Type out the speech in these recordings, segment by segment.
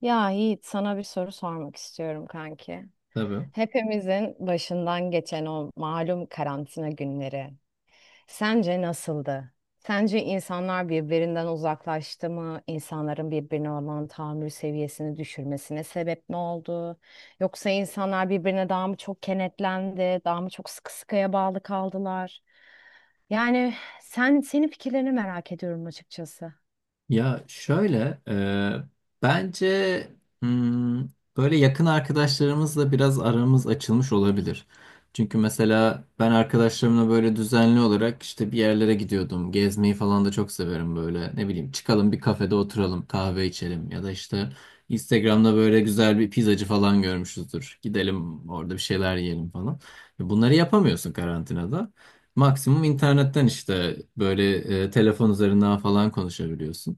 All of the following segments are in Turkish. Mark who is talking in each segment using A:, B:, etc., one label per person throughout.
A: Ya Yiğit sana bir soru sormak istiyorum kanki.
B: Tabii.
A: Hepimizin başından geçen o malum karantina günleri sence nasıldı? Sence insanlar birbirinden uzaklaştı mı? İnsanların birbirine olan tahammül seviyesini düşürmesine sebep ne oldu? Yoksa insanlar birbirine daha mı çok kenetlendi, daha mı çok sıkı sıkıya bağlı kaldılar? Yani senin fikirlerini merak ediyorum açıkçası.
B: Ya şöyle, bence hmm, böyle yakın arkadaşlarımızla biraz aramız açılmış olabilir. Çünkü mesela ben arkadaşlarımla böyle düzenli olarak işte bir yerlere gidiyordum. Gezmeyi falan da çok severim böyle. Ne bileyim çıkalım bir kafede oturalım, kahve içelim ya da işte Instagram'da böyle güzel bir pizzacı falan görmüşüzdür. Gidelim orada bir şeyler yiyelim falan. Bunları yapamıyorsun karantinada. Maksimum internetten işte böyle telefon üzerinden falan konuşabiliyorsun.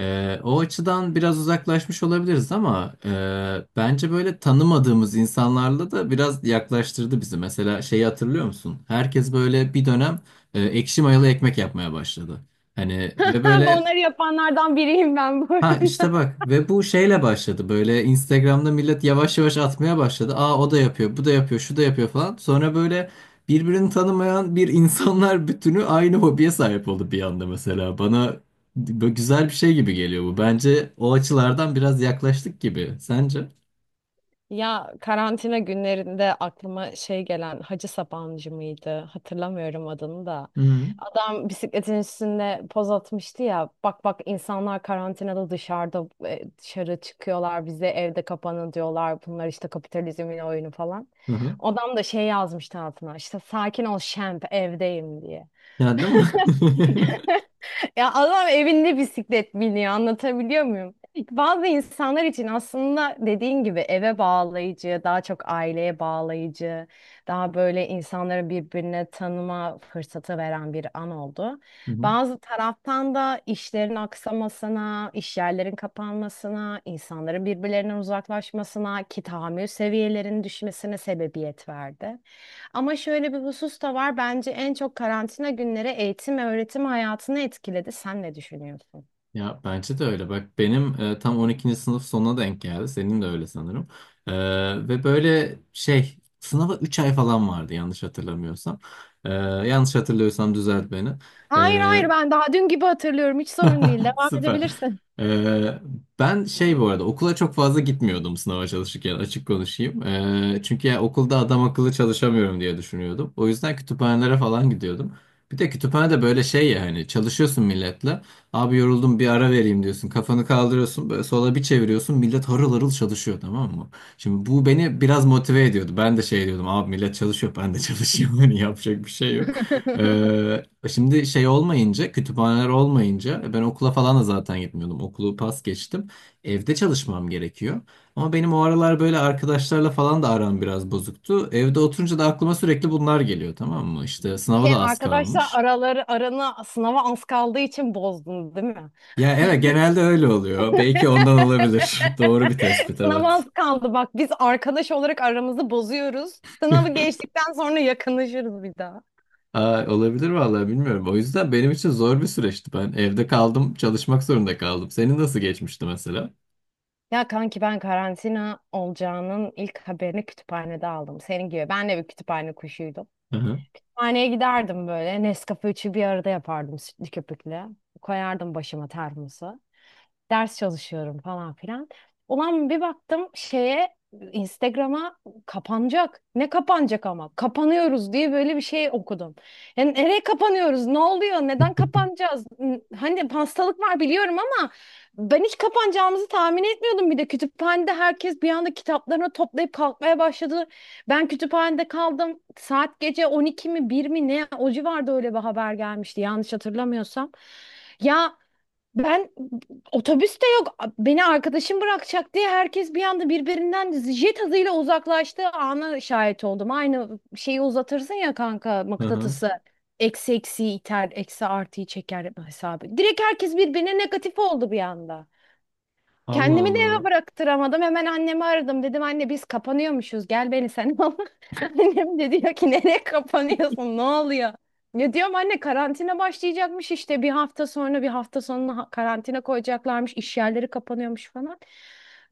B: O açıdan biraz uzaklaşmış olabiliriz ama bence böyle tanımadığımız insanlarla da biraz yaklaştırdı bizi. Mesela şeyi hatırlıyor musun? Herkes böyle bir dönem ekşi mayalı ekmek yapmaya başladı. Hani ve böyle
A: Onları yapanlardan biriyim ben bu
B: Ha işte
A: arada.
B: bak ve bu şeyle başladı böyle Instagram'da millet yavaş yavaş atmaya başladı. Aa o da yapıyor, bu da yapıyor, şu da yapıyor falan. Sonra böyle birbirini tanımayan bir insanlar bütünü aynı hobiye sahip oldu bir anda mesela. Bana böyle güzel bir şey gibi geliyor bu. Bence o açılardan biraz yaklaştık gibi. Sence?
A: Ya karantina günlerinde aklıma şey gelen Hacı Sabancı mıydı? Hatırlamıyorum adını da.
B: Hı hı.
A: Adam bisikletin üstünde poz atmıştı ya. Bak bak insanlar karantinada dışarıda dışarı çıkıyorlar. Bize evde kapanın diyorlar. Bunlar işte kapitalizmin oyunu falan.
B: Hı.
A: Adam da şey yazmıştı altına. İşte sakin ol şemp evdeyim diye.
B: Yani değil mi?
A: Ya adam evinde bisiklet biniyor anlatabiliyor muyum? Bazı insanlar için aslında dediğin gibi eve bağlayıcı, daha çok aileye bağlayıcı, daha böyle insanları birbirine tanıma fırsatı veren bir an oldu.
B: Hı hı.
A: Bazı taraftan da işlerin aksamasına, iş yerlerin kapanmasına, insanların birbirlerinden uzaklaşmasına, ki tahammül seviyelerinin düşmesine sebebiyet verdi. Ama şöyle bir husus da var. Bence en çok karantina günleri eğitim ve öğretim hayatını etkiledi. Sen ne düşünüyorsun?
B: Ya bence de öyle. Bak benim tam on ikinci sınıf sonuna denk geldi. Senin de öyle sanırım. E, Ve böyle şey sınava 3 ay falan vardı yanlış hatırlamıyorsam. Yanlış hatırlıyorsam düzelt beni.
A: Hayır hayır,
B: E,
A: ben daha dün gibi hatırlıyorum. Hiç sorun değil. Devam
B: Süper.
A: edebilirsin.
B: Ee, Ben şey bu arada okula çok fazla gitmiyordum sınava çalışırken açık konuşayım. Çünkü ya okulda adam akıllı çalışamıyorum diye düşünüyordum. O yüzden kütüphanelere falan gidiyordum. Bir de kütüphanede böyle şey ya hani çalışıyorsun milletle. Abi yoruldum bir ara vereyim diyorsun. Kafanı kaldırıyorsun böyle sola bir çeviriyorsun. Millet harıl harıl çalışıyor tamam mı? Şimdi bu beni biraz motive ediyordu. Ben de şey diyordum abi millet çalışıyor ben de çalışıyorum. Hani yapacak bir şey yok. Ee, Şimdi şey olmayınca, kütüphaneler olmayınca ben okula falan da zaten gitmiyordum. Okulu pas geçtim. Evde çalışmam gerekiyor. Ama benim o aralar böyle arkadaşlarla falan da aram biraz bozuktu. Evde oturunca da aklıma sürekli bunlar geliyor tamam mı? İşte sınava
A: Şey,
B: da az
A: arkadaşlar
B: kalmış.
A: araları aranı sınava az kaldığı için bozdun değil mi?
B: Ya evet genelde öyle oluyor. Belki ondan olabilir. Doğru bir tespit
A: Sınava
B: evet.
A: az kaldı bak, biz arkadaş olarak aramızı bozuyoruz. Sınavı geçtikten sonra yakınlaşırız bir daha.
B: Aa, olabilir vallahi bilmiyorum. O yüzden benim için zor bir süreçti. Ben evde kaldım, çalışmak zorunda kaldım. Senin nasıl geçmişti mesela?
A: Ya kanki, ben karantina olacağının ilk haberini kütüphanede aldım. Senin gibi. Ben de bir kütüphane kuşuydum.
B: Hı hı.
A: Kütüphaneye giderdim böyle. Nescafe üçü bir arada yapardım sütlü köpükle. Koyardım başıma termosu, ders çalışıyorum falan filan. Ulan bir baktım şeye, Instagram'a, kapanacak. Ne kapanacak ama? Kapanıyoruz diye böyle bir şey okudum. Yani nereye kapanıyoruz? Ne oluyor? Neden kapanacağız? Hani hastalık var biliyorum ama ben hiç kapanacağımızı tahmin etmiyordum. Bir de kütüphanede herkes bir anda kitaplarını toplayıp kalkmaya başladı. Ben kütüphanede kaldım. Saat gece 12 mi 1 mi ne? O civarda öyle bir haber gelmişti yanlış hatırlamıyorsam. Ya ben otobüs de yok. Beni arkadaşım bırakacak diye herkes bir anda birbirinden jet hızıyla uzaklaştığı ana şahit oldum. Aynı şeyi uzatırsın ya, kanka
B: Hı hı.
A: mıknatısı. Eksi eksiyi iter, eksi artıyı çeker hesabı. Direkt herkes birbirine negatif oldu bir anda.
B: Allah
A: Kendimi de eve
B: Allah.
A: bıraktıramadım. Hemen annemi aradım. Dedim anne, biz kapanıyormuşuz. Gel beni sen al. Annem de diyor ki nereye kapanıyorsun? Ne oluyor? Ne diyorum anne, karantina başlayacakmış işte bir hafta sonra, bir hafta sonuna karantina koyacaklarmış. İş yerleri kapanıyormuş falan.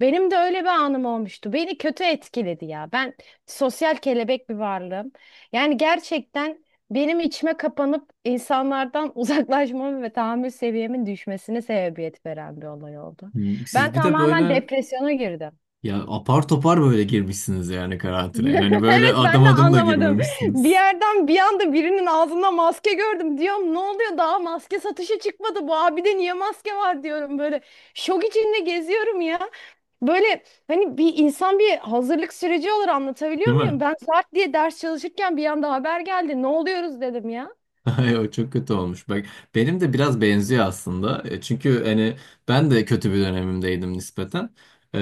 A: Benim de öyle bir anım olmuştu. Beni kötü etkiledi ya. Ben sosyal kelebek bir varlığım. Yani gerçekten benim içime kapanıp insanlardan uzaklaşmamın ve tahammül seviyemin düşmesine sebebiyet veren bir olay oldu. Ben
B: Siz bir de
A: tamamen
B: böyle
A: depresyona girdim.
B: ya apar topar böyle girmişsiniz yani karantinaya. Yani böyle
A: Evet,
B: adım
A: ben de
B: adım da
A: anlamadım. Bir
B: girmemişsiniz.
A: yerden bir anda birinin ağzında maske gördüm. Diyorum ne oluyor, daha maske satışa çıkmadı. Bu abide niye maske var diyorum böyle. Şok içinde geziyorum ya. Böyle hani bir insan bir hazırlık süreci olur, anlatabiliyor
B: Değil mi?
A: muyum? Ben saat diye ders çalışırken bir anda haber geldi. Ne oluyoruz dedim ya.
B: Ay, o çok kötü olmuş. Bak benim de biraz benziyor aslında. Çünkü hani ben de kötü bir dönemimdeydim nispeten. E,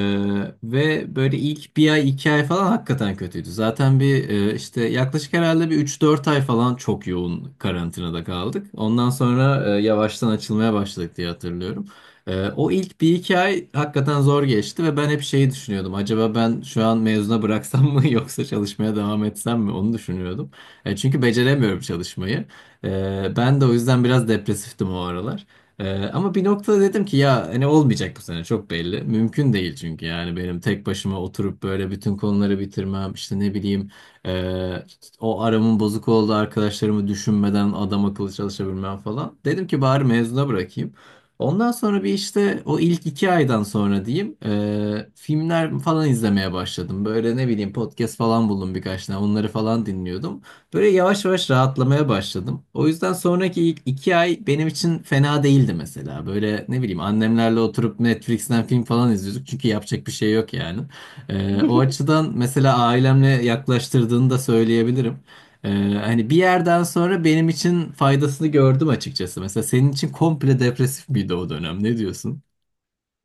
B: Ve böyle ilk bir ay iki ay falan hakikaten kötüydü. Zaten bir işte yaklaşık herhalde bir üç dört ay falan çok yoğun karantinada kaldık. Ondan sonra yavaştan açılmaya başladık diye hatırlıyorum. O ilk bir iki ay hakikaten zor geçti ve ben hep şeyi düşünüyordum. Acaba ben şu an mezuna bıraksam mı yoksa çalışmaya devam etsem mi onu düşünüyordum. Çünkü beceremiyorum çalışmayı. Ben de o yüzden biraz depresiftim o aralar. Ama bir noktada dedim ki ya hani olmayacak bu sene çok belli. Mümkün değil çünkü yani benim tek başıma oturup böyle bütün konuları bitirmem işte ne bileyim e, o aramın bozuk olduğu arkadaşlarımı düşünmeden adam akıllı çalışabilmem falan. Dedim ki bari mezuna bırakayım. Ondan sonra bir işte o ilk iki aydan sonra diyeyim filmler falan izlemeye başladım. Böyle ne bileyim podcast falan buldum birkaç tane onları falan dinliyordum. Böyle yavaş yavaş rahatlamaya başladım. O yüzden sonraki ilk iki ay benim için fena değildi mesela. Böyle ne bileyim annemlerle oturup Netflix'ten film falan izliyorduk. Çünkü yapacak bir şey yok yani. O açıdan mesela ailemle yaklaştırdığını da söyleyebilirim. Ee, Hani bir yerden sonra benim için faydasını gördüm açıkçası. Mesela senin için komple depresif miydi o dönem? Ne diyorsun?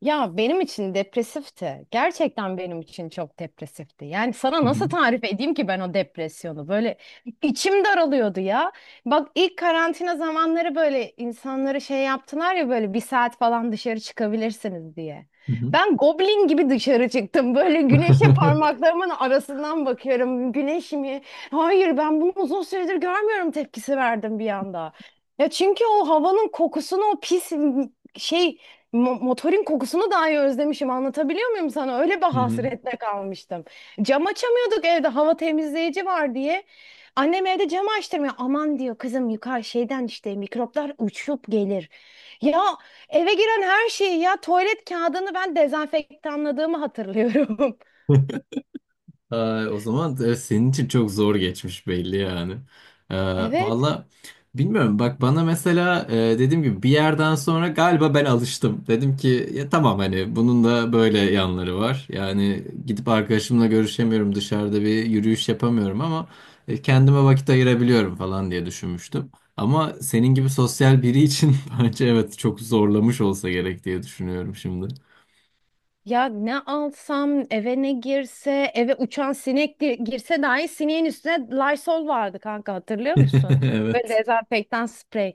A: Ya benim için depresifti. Gerçekten benim için çok depresifti. Yani sana
B: Hı
A: nasıl
B: hı.
A: tarif edeyim ki ben o depresyonu? Böyle içim daralıyordu ya. Bak ilk karantina zamanları böyle insanları şey yaptılar ya, böyle bir saat falan dışarı çıkabilirsiniz diye.
B: Hı hı.
A: Ben goblin gibi dışarı çıktım. Böyle güneşe parmaklarımın arasından bakıyorum. Güneş mi? Hayır, ben bunu uzun süredir görmüyorum tepkisi verdim bir anda. Ya çünkü o havanın kokusunu, o pis şey, motorun kokusunu dahi özlemişim. Anlatabiliyor muyum sana? Öyle bir
B: Hı hı.
A: hasretle kalmıştım. Cam açamıyorduk evde, hava temizleyici var diye. Annem evde cam açtırmıyor. Aman diyor kızım, yukarı şeyden işte mikroplar uçup gelir. Ya eve giren her şeyi, ya tuvalet kağıdını ben dezenfektanladığımı hatırlıyorum.
B: Ay, o zaman da senin için çok zor geçmiş belli yani. Ee,
A: Evet.
B: Valla bilmiyorum bak bana mesela dediğim gibi bir yerden sonra galiba ben alıştım. Dedim ki ya tamam hani bunun da böyle yanları var. Yani gidip arkadaşımla görüşemiyorum dışarıda bir yürüyüş yapamıyorum ama kendime vakit ayırabiliyorum falan diye düşünmüştüm. Ama senin gibi sosyal biri için bence evet çok zorlamış olsa gerek diye düşünüyorum şimdi.
A: Ya ne alsam eve, ne girse eve, uçan sinek girse dahi sineğin üstüne Lysol vardı kanka, hatırlıyor musun? Böyle
B: Evet.
A: dezenfektan sprey.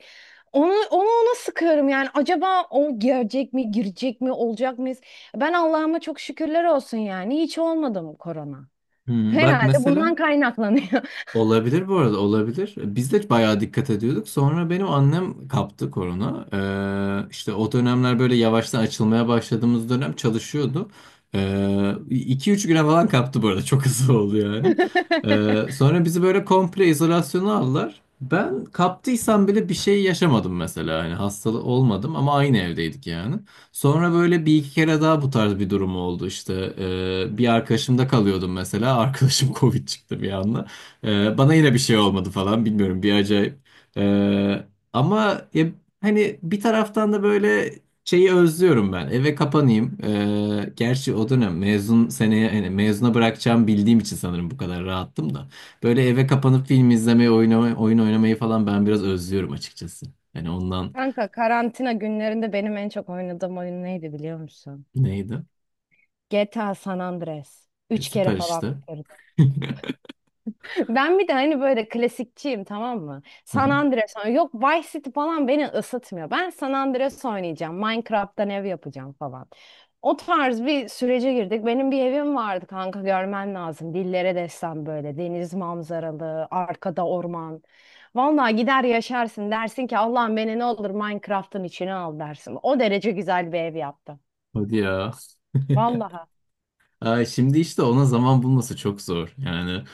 A: Onu ona sıkıyorum yani, acaba o gelecek mi, girecek mi, olacak mıyız? Ben Allah'ıma çok şükürler olsun yani, hiç olmadı mı korona?
B: Bak
A: Herhalde bundan
B: mesela.
A: kaynaklanıyor.
B: Olabilir bu arada olabilir. Biz de bayağı dikkat ediyorduk. Sonra benim annem kaptı korona. İşte o dönemler böyle yavaştan açılmaya başladığımız dönem çalışıyordu. Ee, 2-3 güne falan kaptı bu arada. Çok hızlı oldu yani. Sonra bizi böyle komple izolasyona aldılar. Ben kaptıysam bile bir şey yaşamadım mesela. Yani hastalı olmadım ama aynı evdeydik yani. Sonra böyle bir iki kere daha bu tarz bir durum oldu işte. Bir arkadaşımda kalıyordum mesela. Arkadaşım Covid çıktı bir anda. Bana yine bir şey olmadı falan bilmiyorum bir acayip. Ee, Ama ya, hani bir taraftan da böyle şeyi özlüyorum ben. Eve kapanayım. Gerçi o dönem mezun seneye hani mezuna bırakacağım bildiğim için sanırım bu kadar rahattım da. Böyle eve kapanıp film izlemeyi, oynamayı, oyun oynamayı falan ben biraz özlüyorum açıkçası. Yani ondan
A: Kanka, karantina günlerinde benim en çok oynadığım oyun neydi biliyor musun?
B: neydi?
A: GTA San Andreas. Üç kere
B: Süper
A: falan
B: işte.
A: bitirdim. Ben bir de hani böyle klasikçiyim, tamam mı? San Andreas oynuyorum. Yok, Vice City falan beni ısıtmıyor. Ben San Andreas oynayacağım. Minecraft'tan ev yapacağım falan. O tarz bir sürece girdik. Benim bir evim vardı kanka, görmen lazım. Dillere destan, böyle deniz manzaralı, arkada orman. Vallahi gider yaşarsın, dersin ki Allah'ım beni ne olur Minecraft'ın içine al dersin. O derece güzel bir ev yaptım.
B: Hadi ya.
A: Vallahi
B: Ay, şimdi işte ona zaman bulması çok zor. Yani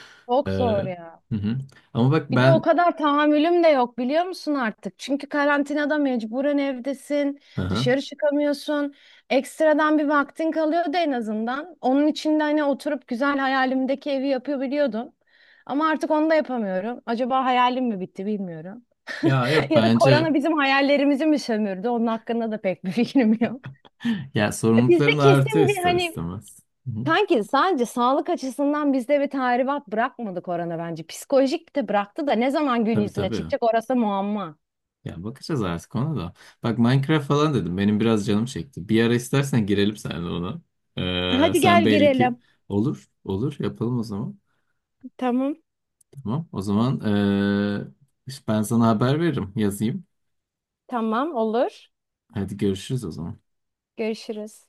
A: çok
B: hı
A: zor ya.
B: hı. Ama bak
A: Bir de o
B: ben
A: kadar tahammülüm de yok biliyor musun artık? Çünkü karantinada mecburen evdesin,
B: hı hı.
A: dışarı çıkamıyorsun. Ekstradan bir vaktin kalıyordu en azından. Onun için de hani oturup güzel hayalimdeki evi yapabiliyordum. Ama artık onu da yapamıyorum. Acaba hayalim mi bitti bilmiyorum.
B: Ya yok
A: Ya da
B: bence
A: korona bizim hayallerimizi mi sömürdü? Onun hakkında da pek bir fikrim yok.
B: ya sorumlulukların
A: Bizde
B: artıyor
A: kesin bir
B: ister
A: hani,
B: istemez. Hı hı.
A: sanki sadece sağlık açısından bizde bir tahribat bırakmadı korona bence. Psikolojik de bıraktı da ne zaman gün
B: Tabii
A: yüzüne
B: tabii.
A: çıkacak orası muamma.
B: Ya bakacağız artık ona da. Bak Minecraft falan dedim. Benim biraz canım çekti. Bir ara istersen girelim seninle ona.
A: Hadi
B: Sen
A: gel
B: belli ki
A: girelim.
B: olur. Olur yapalım o zaman.
A: Tamam.
B: Tamam. O zaman işte ben sana haber veririm. Yazayım.
A: Tamam olur.
B: Hadi görüşürüz o zaman.
A: Görüşürüz.